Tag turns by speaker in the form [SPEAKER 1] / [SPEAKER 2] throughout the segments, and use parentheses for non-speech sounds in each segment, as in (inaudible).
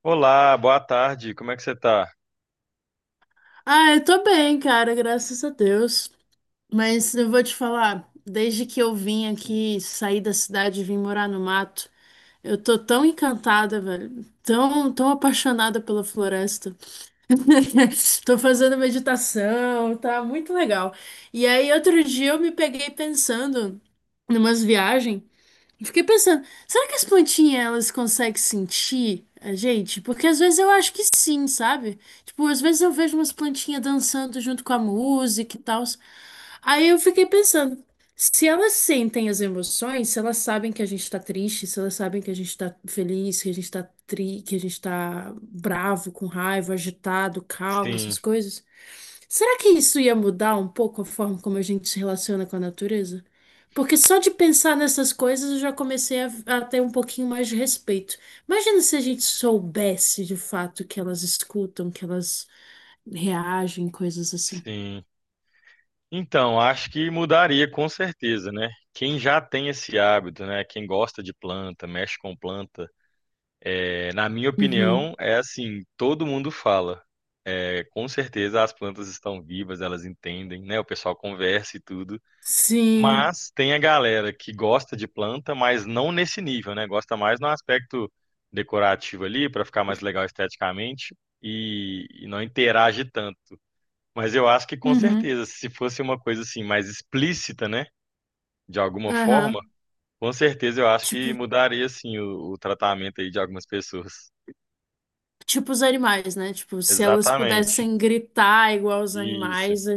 [SPEAKER 1] Olá, boa tarde, como é que você tá?
[SPEAKER 2] Ah, eu tô bem, cara, graças a Deus. Mas eu vou te falar, desde que eu vim aqui, saí da cidade e vim morar no mato, eu tô tão encantada, velho, tão apaixonada pela floresta. (laughs) Tô fazendo meditação, tá muito legal. E aí, outro dia eu me peguei pensando numas viagens. E fiquei pensando, será que as plantinhas elas conseguem sentir a gente? Porque às vezes eu acho que sim, sabe? Tipo, às vezes eu vejo umas plantinhas dançando junto com a música e tal. Aí eu fiquei pensando, se elas sentem as emoções, se elas sabem que a gente tá triste, se elas sabem que a gente tá feliz, que a gente tá tri, que a gente tá bravo, com raiva, agitado, calmo,
[SPEAKER 1] Sim,
[SPEAKER 2] essas coisas. Será que isso ia mudar um pouco a forma como a gente se relaciona com a natureza? Porque só de pensar nessas coisas eu já comecei a ter um pouquinho mais de respeito. Imagina se a gente soubesse de fato que elas escutam, que elas reagem, coisas assim.
[SPEAKER 1] sim. Então, acho que mudaria com certeza, né? Quem já tem esse hábito, né? Quem gosta de planta, mexe com planta, é, na minha
[SPEAKER 2] Uhum.
[SPEAKER 1] opinião, é assim, todo mundo fala. É, com certeza as plantas estão vivas, elas entendem, né? O pessoal conversa e tudo.
[SPEAKER 2] Sim.
[SPEAKER 1] Mas tem a galera que gosta de planta, mas não nesse nível, né? Gosta mais no aspecto decorativo ali, para ficar mais legal esteticamente. E, não interage tanto. Mas eu acho que com
[SPEAKER 2] Uhum.
[SPEAKER 1] certeza, se fosse uma coisa assim mais explícita, né, de alguma forma,
[SPEAKER 2] Aham.
[SPEAKER 1] com certeza eu acho
[SPEAKER 2] Tipo,
[SPEAKER 1] que mudaria assim o tratamento aí de algumas pessoas.
[SPEAKER 2] tipo os animais, né? Tipo, se elas
[SPEAKER 1] Exatamente.
[SPEAKER 2] pudessem gritar igual os
[SPEAKER 1] Isso.
[SPEAKER 2] animais,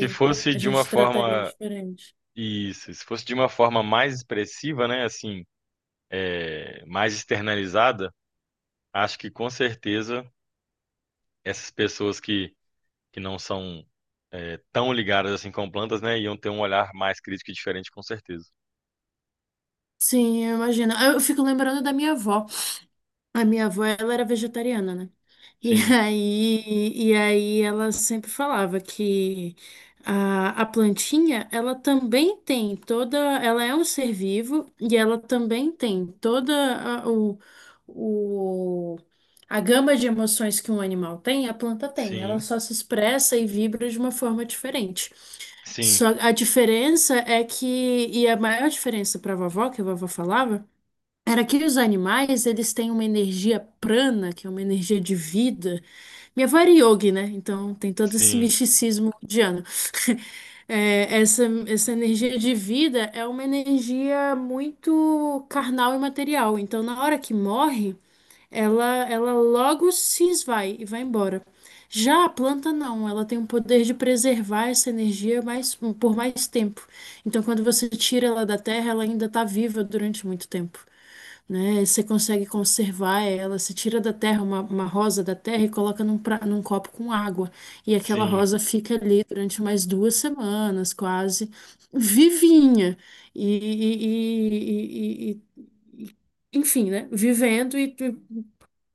[SPEAKER 1] Se fosse
[SPEAKER 2] a
[SPEAKER 1] de uma
[SPEAKER 2] gente trataria
[SPEAKER 1] forma
[SPEAKER 2] diferente.
[SPEAKER 1] isso, se fosse de uma forma mais expressiva, né, assim, é, mais externalizada, acho que com certeza essas pessoas que não são é, tão ligadas assim com plantas, né, iam ter um olhar mais crítico e diferente, com certeza.
[SPEAKER 2] Sim, eu imagino. Eu fico lembrando da minha avó. A minha avó, ela era vegetariana, né? E (laughs)
[SPEAKER 1] Sim,
[SPEAKER 2] aí ela sempre falava que a plantinha, ela também tem toda, ela é um ser vivo e ela também tem toda o, a gama de emoções que um animal tem, a planta tem. Ela
[SPEAKER 1] sim,
[SPEAKER 2] só se expressa e vibra de uma forma diferente.
[SPEAKER 1] sim.
[SPEAKER 2] Só a diferença é que, e a maior diferença para a vovó, que a vovó falava, era que os animais, eles têm uma energia prana, que é uma energia de vida. Minha avó era yogi, né? Então tem todo esse
[SPEAKER 1] Sim,
[SPEAKER 2] misticismo indiano. (laughs) É, essa energia de vida é uma energia muito carnal e material. Então, na hora que morre, ela logo se esvai e vai embora. Já a planta não, ela tem um poder de preservar essa energia mais, por mais tempo. Então, quando você tira ela da terra, ela ainda está viva durante muito tempo, né? Você consegue conservar ela, você tira da terra uma rosa da terra e coloca num copo com água. E aquela
[SPEAKER 1] sim,
[SPEAKER 2] rosa fica ali durante mais duas semanas, quase, vivinha. E, e- e- e- e- e- Enfim, né? Vivendo e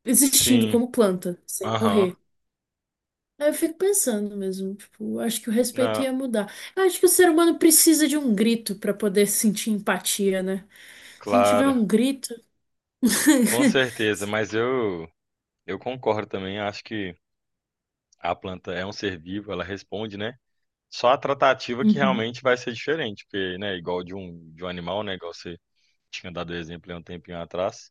[SPEAKER 2] existindo
[SPEAKER 1] sim.
[SPEAKER 2] como planta, sem
[SPEAKER 1] Aham.
[SPEAKER 2] morrer. Aí eu fico pensando mesmo, tipo, acho que o respeito
[SPEAKER 1] Não,
[SPEAKER 2] ia mudar. Eu acho que o ser humano precisa de um grito para poder sentir empatia, né? Se não tiver
[SPEAKER 1] claro,
[SPEAKER 2] um grito.
[SPEAKER 1] com
[SPEAKER 2] (laughs)
[SPEAKER 1] certeza, mas eu concordo também, acho que a planta é um ser vivo, ela responde, né? Só a tratativa que
[SPEAKER 2] Uhum.
[SPEAKER 1] realmente vai ser diferente, porque, né, igual de um animal, né, igual você tinha dado o exemplo há um tempinho atrás,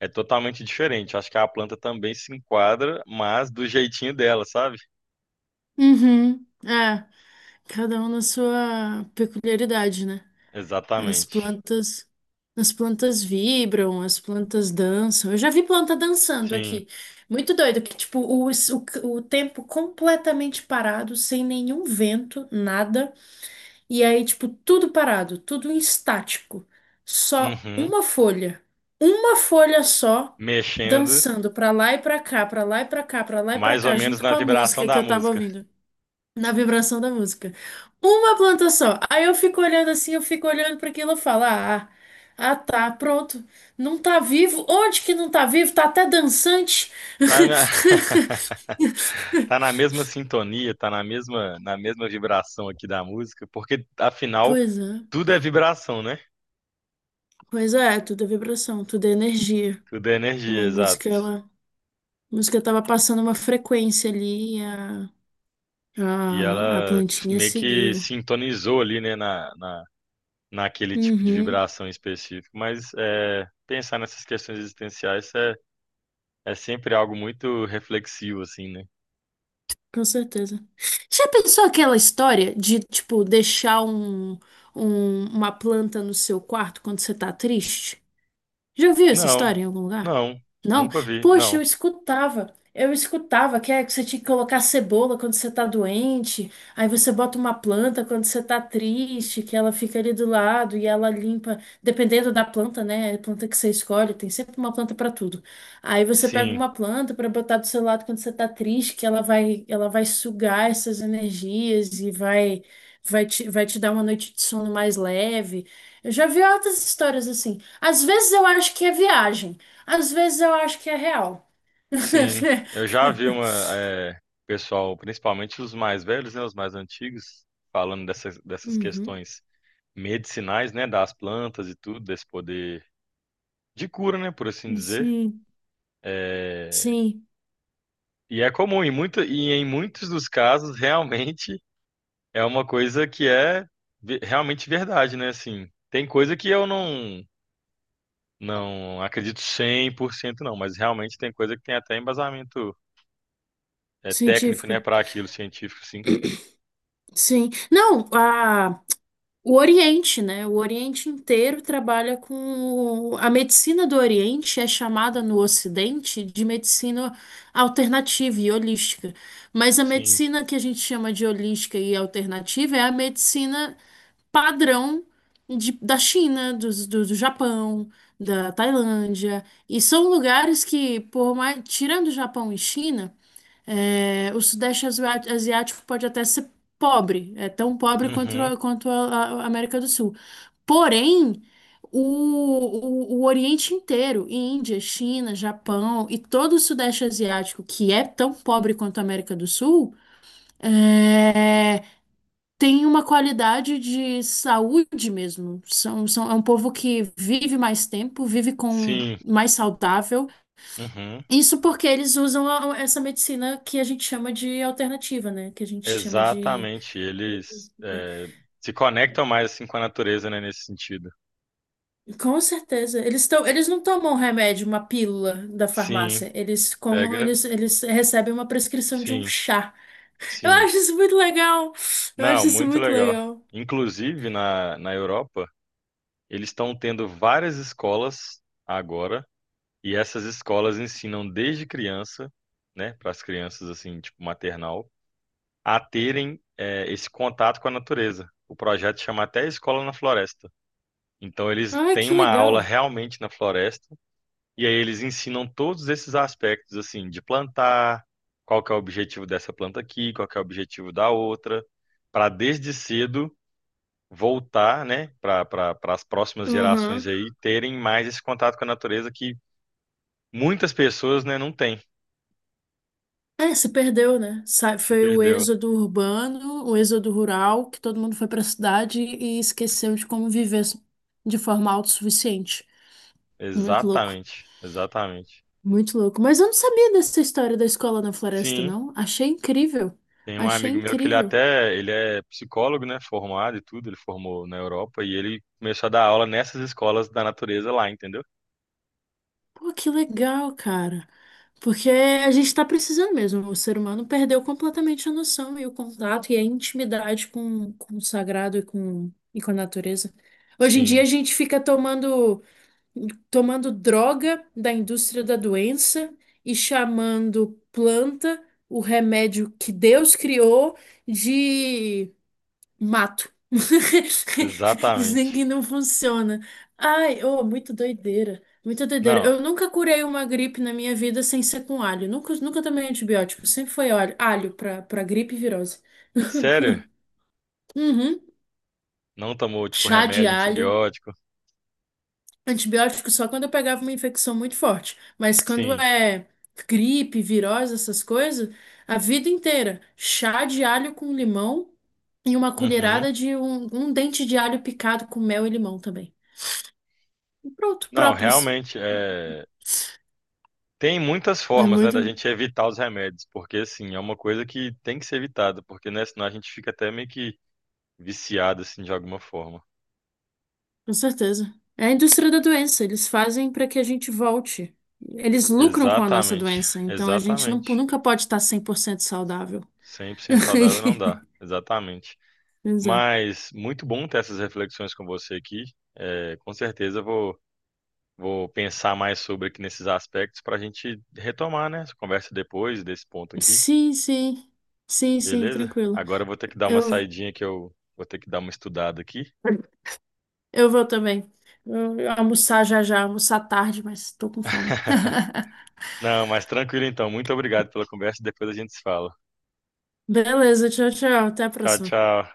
[SPEAKER 1] é totalmente diferente. Acho que a planta também se enquadra, mas do jeitinho dela, sabe?
[SPEAKER 2] Uhum. É, cada um na sua peculiaridade, né? As
[SPEAKER 1] Exatamente.
[SPEAKER 2] plantas, as plantas vibram, as plantas dançam. Eu já vi planta dançando
[SPEAKER 1] Sim.
[SPEAKER 2] aqui. Muito doido, que tipo, o tempo completamente parado, sem nenhum vento, nada. E aí, tipo, tudo parado, tudo em estático. Só
[SPEAKER 1] Uhum.
[SPEAKER 2] uma folha. Uma folha só.
[SPEAKER 1] Mexendo
[SPEAKER 2] Dançando pra lá e pra cá, pra lá e pra cá, pra lá e pra
[SPEAKER 1] mais ou
[SPEAKER 2] cá,
[SPEAKER 1] menos
[SPEAKER 2] junto
[SPEAKER 1] na
[SPEAKER 2] com a
[SPEAKER 1] vibração
[SPEAKER 2] música que
[SPEAKER 1] da
[SPEAKER 2] eu tava
[SPEAKER 1] música.
[SPEAKER 2] ouvindo na vibração da música. Uma planta só. Aí eu fico olhando assim, eu fico olhando para aquilo e falo, ah, tá, pronto. Não tá vivo. Onde que não tá vivo? Tá até dançante.
[SPEAKER 1] Tá, minha... (laughs)
[SPEAKER 2] (laughs)
[SPEAKER 1] Tá na mesma sintonia, tá na mesma vibração aqui da música, porque afinal
[SPEAKER 2] Pois é,
[SPEAKER 1] tudo é vibração, né?
[SPEAKER 2] pois é, tudo é vibração, tudo é energia.
[SPEAKER 1] Tudo é
[SPEAKER 2] Então,
[SPEAKER 1] energia,
[SPEAKER 2] a
[SPEAKER 1] exato.
[SPEAKER 2] música, ela, a música tava passando uma frequência ali e
[SPEAKER 1] E
[SPEAKER 2] a
[SPEAKER 1] ela
[SPEAKER 2] plantinha
[SPEAKER 1] meio que
[SPEAKER 2] seguiu.
[SPEAKER 1] sintonizou ali, né, na, naquele tipo de
[SPEAKER 2] Uhum.
[SPEAKER 1] vibração específico. Mas é, pensar nessas questões existenciais é, é sempre algo muito reflexivo, assim, né?
[SPEAKER 2] Com certeza. Já pensou aquela história de, tipo, uma planta no seu quarto quando você tá triste? Já ouviu essa
[SPEAKER 1] Não,
[SPEAKER 2] história em algum lugar?
[SPEAKER 1] não,
[SPEAKER 2] Não?
[SPEAKER 1] nunca vi,
[SPEAKER 2] Poxa, eu
[SPEAKER 1] não.
[SPEAKER 2] escutava. Eu escutava que é que você tinha que colocar cebola quando você tá doente, aí você bota uma planta quando você tá triste, que ela fica ali do lado e ela limpa, dependendo da planta, né? A planta que você escolhe, tem sempre uma planta pra tudo. Aí você pega
[SPEAKER 1] Sim,
[SPEAKER 2] uma planta pra botar do seu lado quando você tá triste, que ela vai sugar essas energias e vai te dar uma noite de sono mais leve. Eu já vi outras histórias assim. Às vezes eu acho que é viagem, às vezes eu acho que é real.
[SPEAKER 1] sim, eu
[SPEAKER 2] (laughs)
[SPEAKER 1] já vi uma, é, pessoal, principalmente os mais velhos, né, os mais antigos, falando dessas, dessas
[SPEAKER 2] Uhum.
[SPEAKER 1] questões medicinais, né, das plantas e tudo, desse poder de cura, né, por assim dizer.
[SPEAKER 2] Sim,
[SPEAKER 1] É,
[SPEAKER 2] sim,
[SPEAKER 1] e é comum, em muita, e em muitos dos casos, realmente é uma coisa que é ve- realmente verdade, né, assim. Tem coisa que eu não, não acredito 100% não, mas realmente tem coisa que tem até embasamento, é, técnico, né,
[SPEAKER 2] científico.
[SPEAKER 1] para aquilo, científico, sim.
[SPEAKER 2] Sim. Não, a, o Oriente, né? O Oriente inteiro trabalha com. A medicina do Oriente é chamada no Ocidente de medicina alternativa e holística. Mas a
[SPEAKER 1] Sim,
[SPEAKER 2] medicina que a gente chama de holística e alternativa é a medicina padrão da China, do Japão, da Tailândia. E são lugares que, por mais, tirando Japão e China, é, o Asiático pode até ser pobre, é tão pobre quanto,
[SPEAKER 1] uhum,
[SPEAKER 2] quanto a América do Sul. Porém, o Oriente inteiro, Índia, China, Japão e todo o Sudeste Asiático, que é tão pobre quanto a América do Sul, eh, tem uma qualidade de saúde mesmo. É um povo que vive mais tempo, vive com
[SPEAKER 1] sim,
[SPEAKER 2] mais saudável.
[SPEAKER 1] uhum,
[SPEAKER 2] Isso porque eles usam essa medicina que a gente chama de alternativa, né? Que a gente chama de.
[SPEAKER 1] exatamente. Eles é, se conectam mais assim com a natureza, né, nesse sentido.
[SPEAKER 2] Com certeza. Eles tão, eles não tomam remédio, uma pílula da
[SPEAKER 1] Sim,
[SPEAKER 2] farmácia. Eles comam,
[SPEAKER 1] pega,
[SPEAKER 2] eles recebem uma prescrição de um
[SPEAKER 1] sim,
[SPEAKER 2] chá. Eu
[SPEAKER 1] sim.
[SPEAKER 2] acho isso muito legal. Eu
[SPEAKER 1] Não,
[SPEAKER 2] acho isso
[SPEAKER 1] muito
[SPEAKER 2] muito
[SPEAKER 1] legal.
[SPEAKER 2] legal.
[SPEAKER 1] Inclusive na Europa, eles estão tendo várias escolas agora, e essas escolas ensinam desde criança, né, para as crianças assim, tipo maternal, a terem é, esse contato com a natureza. O projeto chama até Escola na Floresta. Então eles
[SPEAKER 2] Ai,
[SPEAKER 1] têm
[SPEAKER 2] que
[SPEAKER 1] uma aula
[SPEAKER 2] legal.
[SPEAKER 1] realmente na floresta e aí eles ensinam todos esses aspectos assim de plantar, qual que é o objetivo dessa planta aqui, qual que é o objetivo da outra, para desde cedo voltar, né, para as próximas gerações
[SPEAKER 2] Uhum.
[SPEAKER 1] aí terem mais esse contato com a natureza que muitas pessoas, né, não têm,
[SPEAKER 2] É, se perdeu, né?
[SPEAKER 1] se
[SPEAKER 2] Foi o
[SPEAKER 1] perdeu.
[SPEAKER 2] êxodo urbano, o êxodo rural, que todo mundo foi para a cidade e esqueceu de como viver de forma autossuficiente. Muito louco,
[SPEAKER 1] Exatamente, exatamente.
[SPEAKER 2] muito louco. Mas eu não sabia dessa história da escola na floresta,
[SPEAKER 1] Sim.
[SPEAKER 2] não. Achei incrível,
[SPEAKER 1] Tem um
[SPEAKER 2] achei
[SPEAKER 1] amigo meu que ele
[SPEAKER 2] incrível.
[SPEAKER 1] até, ele é psicólogo, né, formado e tudo, ele formou na Europa e ele começou a dar aula nessas escolas da natureza lá, entendeu?
[SPEAKER 2] Pô, que legal, cara. Porque a gente tá precisando mesmo. O ser humano perdeu completamente a noção e o contato e a intimidade com o sagrado e com a natureza. Hoje em dia
[SPEAKER 1] Sim,
[SPEAKER 2] a gente fica tomando. Tomando droga da indústria da doença e chamando planta, o remédio que Deus criou, de mato. (laughs) Dizem que
[SPEAKER 1] exatamente.
[SPEAKER 2] não funciona. Ai, oh, muito doideira. Muita doideira.
[SPEAKER 1] Não,
[SPEAKER 2] Eu nunca curei uma gripe na minha vida sem ser com alho. Nunca, nunca tomei antibiótico. Sempre foi alho, alho para gripe e virose.
[SPEAKER 1] sério?
[SPEAKER 2] Uhum.
[SPEAKER 1] Não tomou, tipo,
[SPEAKER 2] Chá de
[SPEAKER 1] remédio,
[SPEAKER 2] alho.
[SPEAKER 1] antibiótico?
[SPEAKER 2] Antibiótico só quando eu pegava uma infecção muito forte. Mas quando
[SPEAKER 1] Sim.
[SPEAKER 2] é gripe, virose, essas coisas, a vida inteira. Chá de alho com limão e uma
[SPEAKER 1] Uhum.
[SPEAKER 2] colherada de um dente de alho picado com mel e limão também. E pronto,
[SPEAKER 1] Não,
[SPEAKER 2] própolis.
[SPEAKER 1] realmente, é... tem muitas
[SPEAKER 2] É
[SPEAKER 1] formas, né,
[SPEAKER 2] muito,
[SPEAKER 1] da gente evitar os remédios, porque, assim, é uma coisa que tem que ser evitada, porque, né, senão a gente fica até meio que viciado, assim, de alguma forma.
[SPEAKER 2] com certeza. É a indústria da doença. Eles fazem para que a gente volte. Eles lucram com a nossa
[SPEAKER 1] Exatamente,
[SPEAKER 2] doença. Então a gente
[SPEAKER 1] exatamente.
[SPEAKER 2] nunca pode estar 100% saudável.
[SPEAKER 1] 100% saudável não
[SPEAKER 2] (laughs)
[SPEAKER 1] dá, exatamente.
[SPEAKER 2] Exato.
[SPEAKER 1] Mas muito bom ter essas reflexões com você aqui. É, com certeza vou pensar mais sobre aqui nesses aspectos para a gente retomar, né? Essa conversa depois desse ponto aqui,
[SPEAKER 2] Sim, sim. Sim, sim,
[SPEAKER 1] beleza?
[SPEAKER 2] tranquilo.
[SPEAKER 1] Agora eu vou ter que dar uma
[SPEAKER 2] Eu.
[SPEAKER 1] saidinha que eu vou ter que dar uma estudada aqui.
[SPEAKER 2] Eu vou também. Eu almoçar já já, almoçar tarde, mas tô com fome.
[SPEAKER 1] (laughs)
[SPEAKER 2] (laughs)
[SPEAKER 1] Não, mas tranquilo então. Muito obrigado pela conversa. E depois a gente se fala.
[SPEAKER 2] Beleza, tchau, tchau. Até a
[SPEAKER 1] Tchau,
[SPEAKER 2] próxima.
[SPEAKER 1] tchau.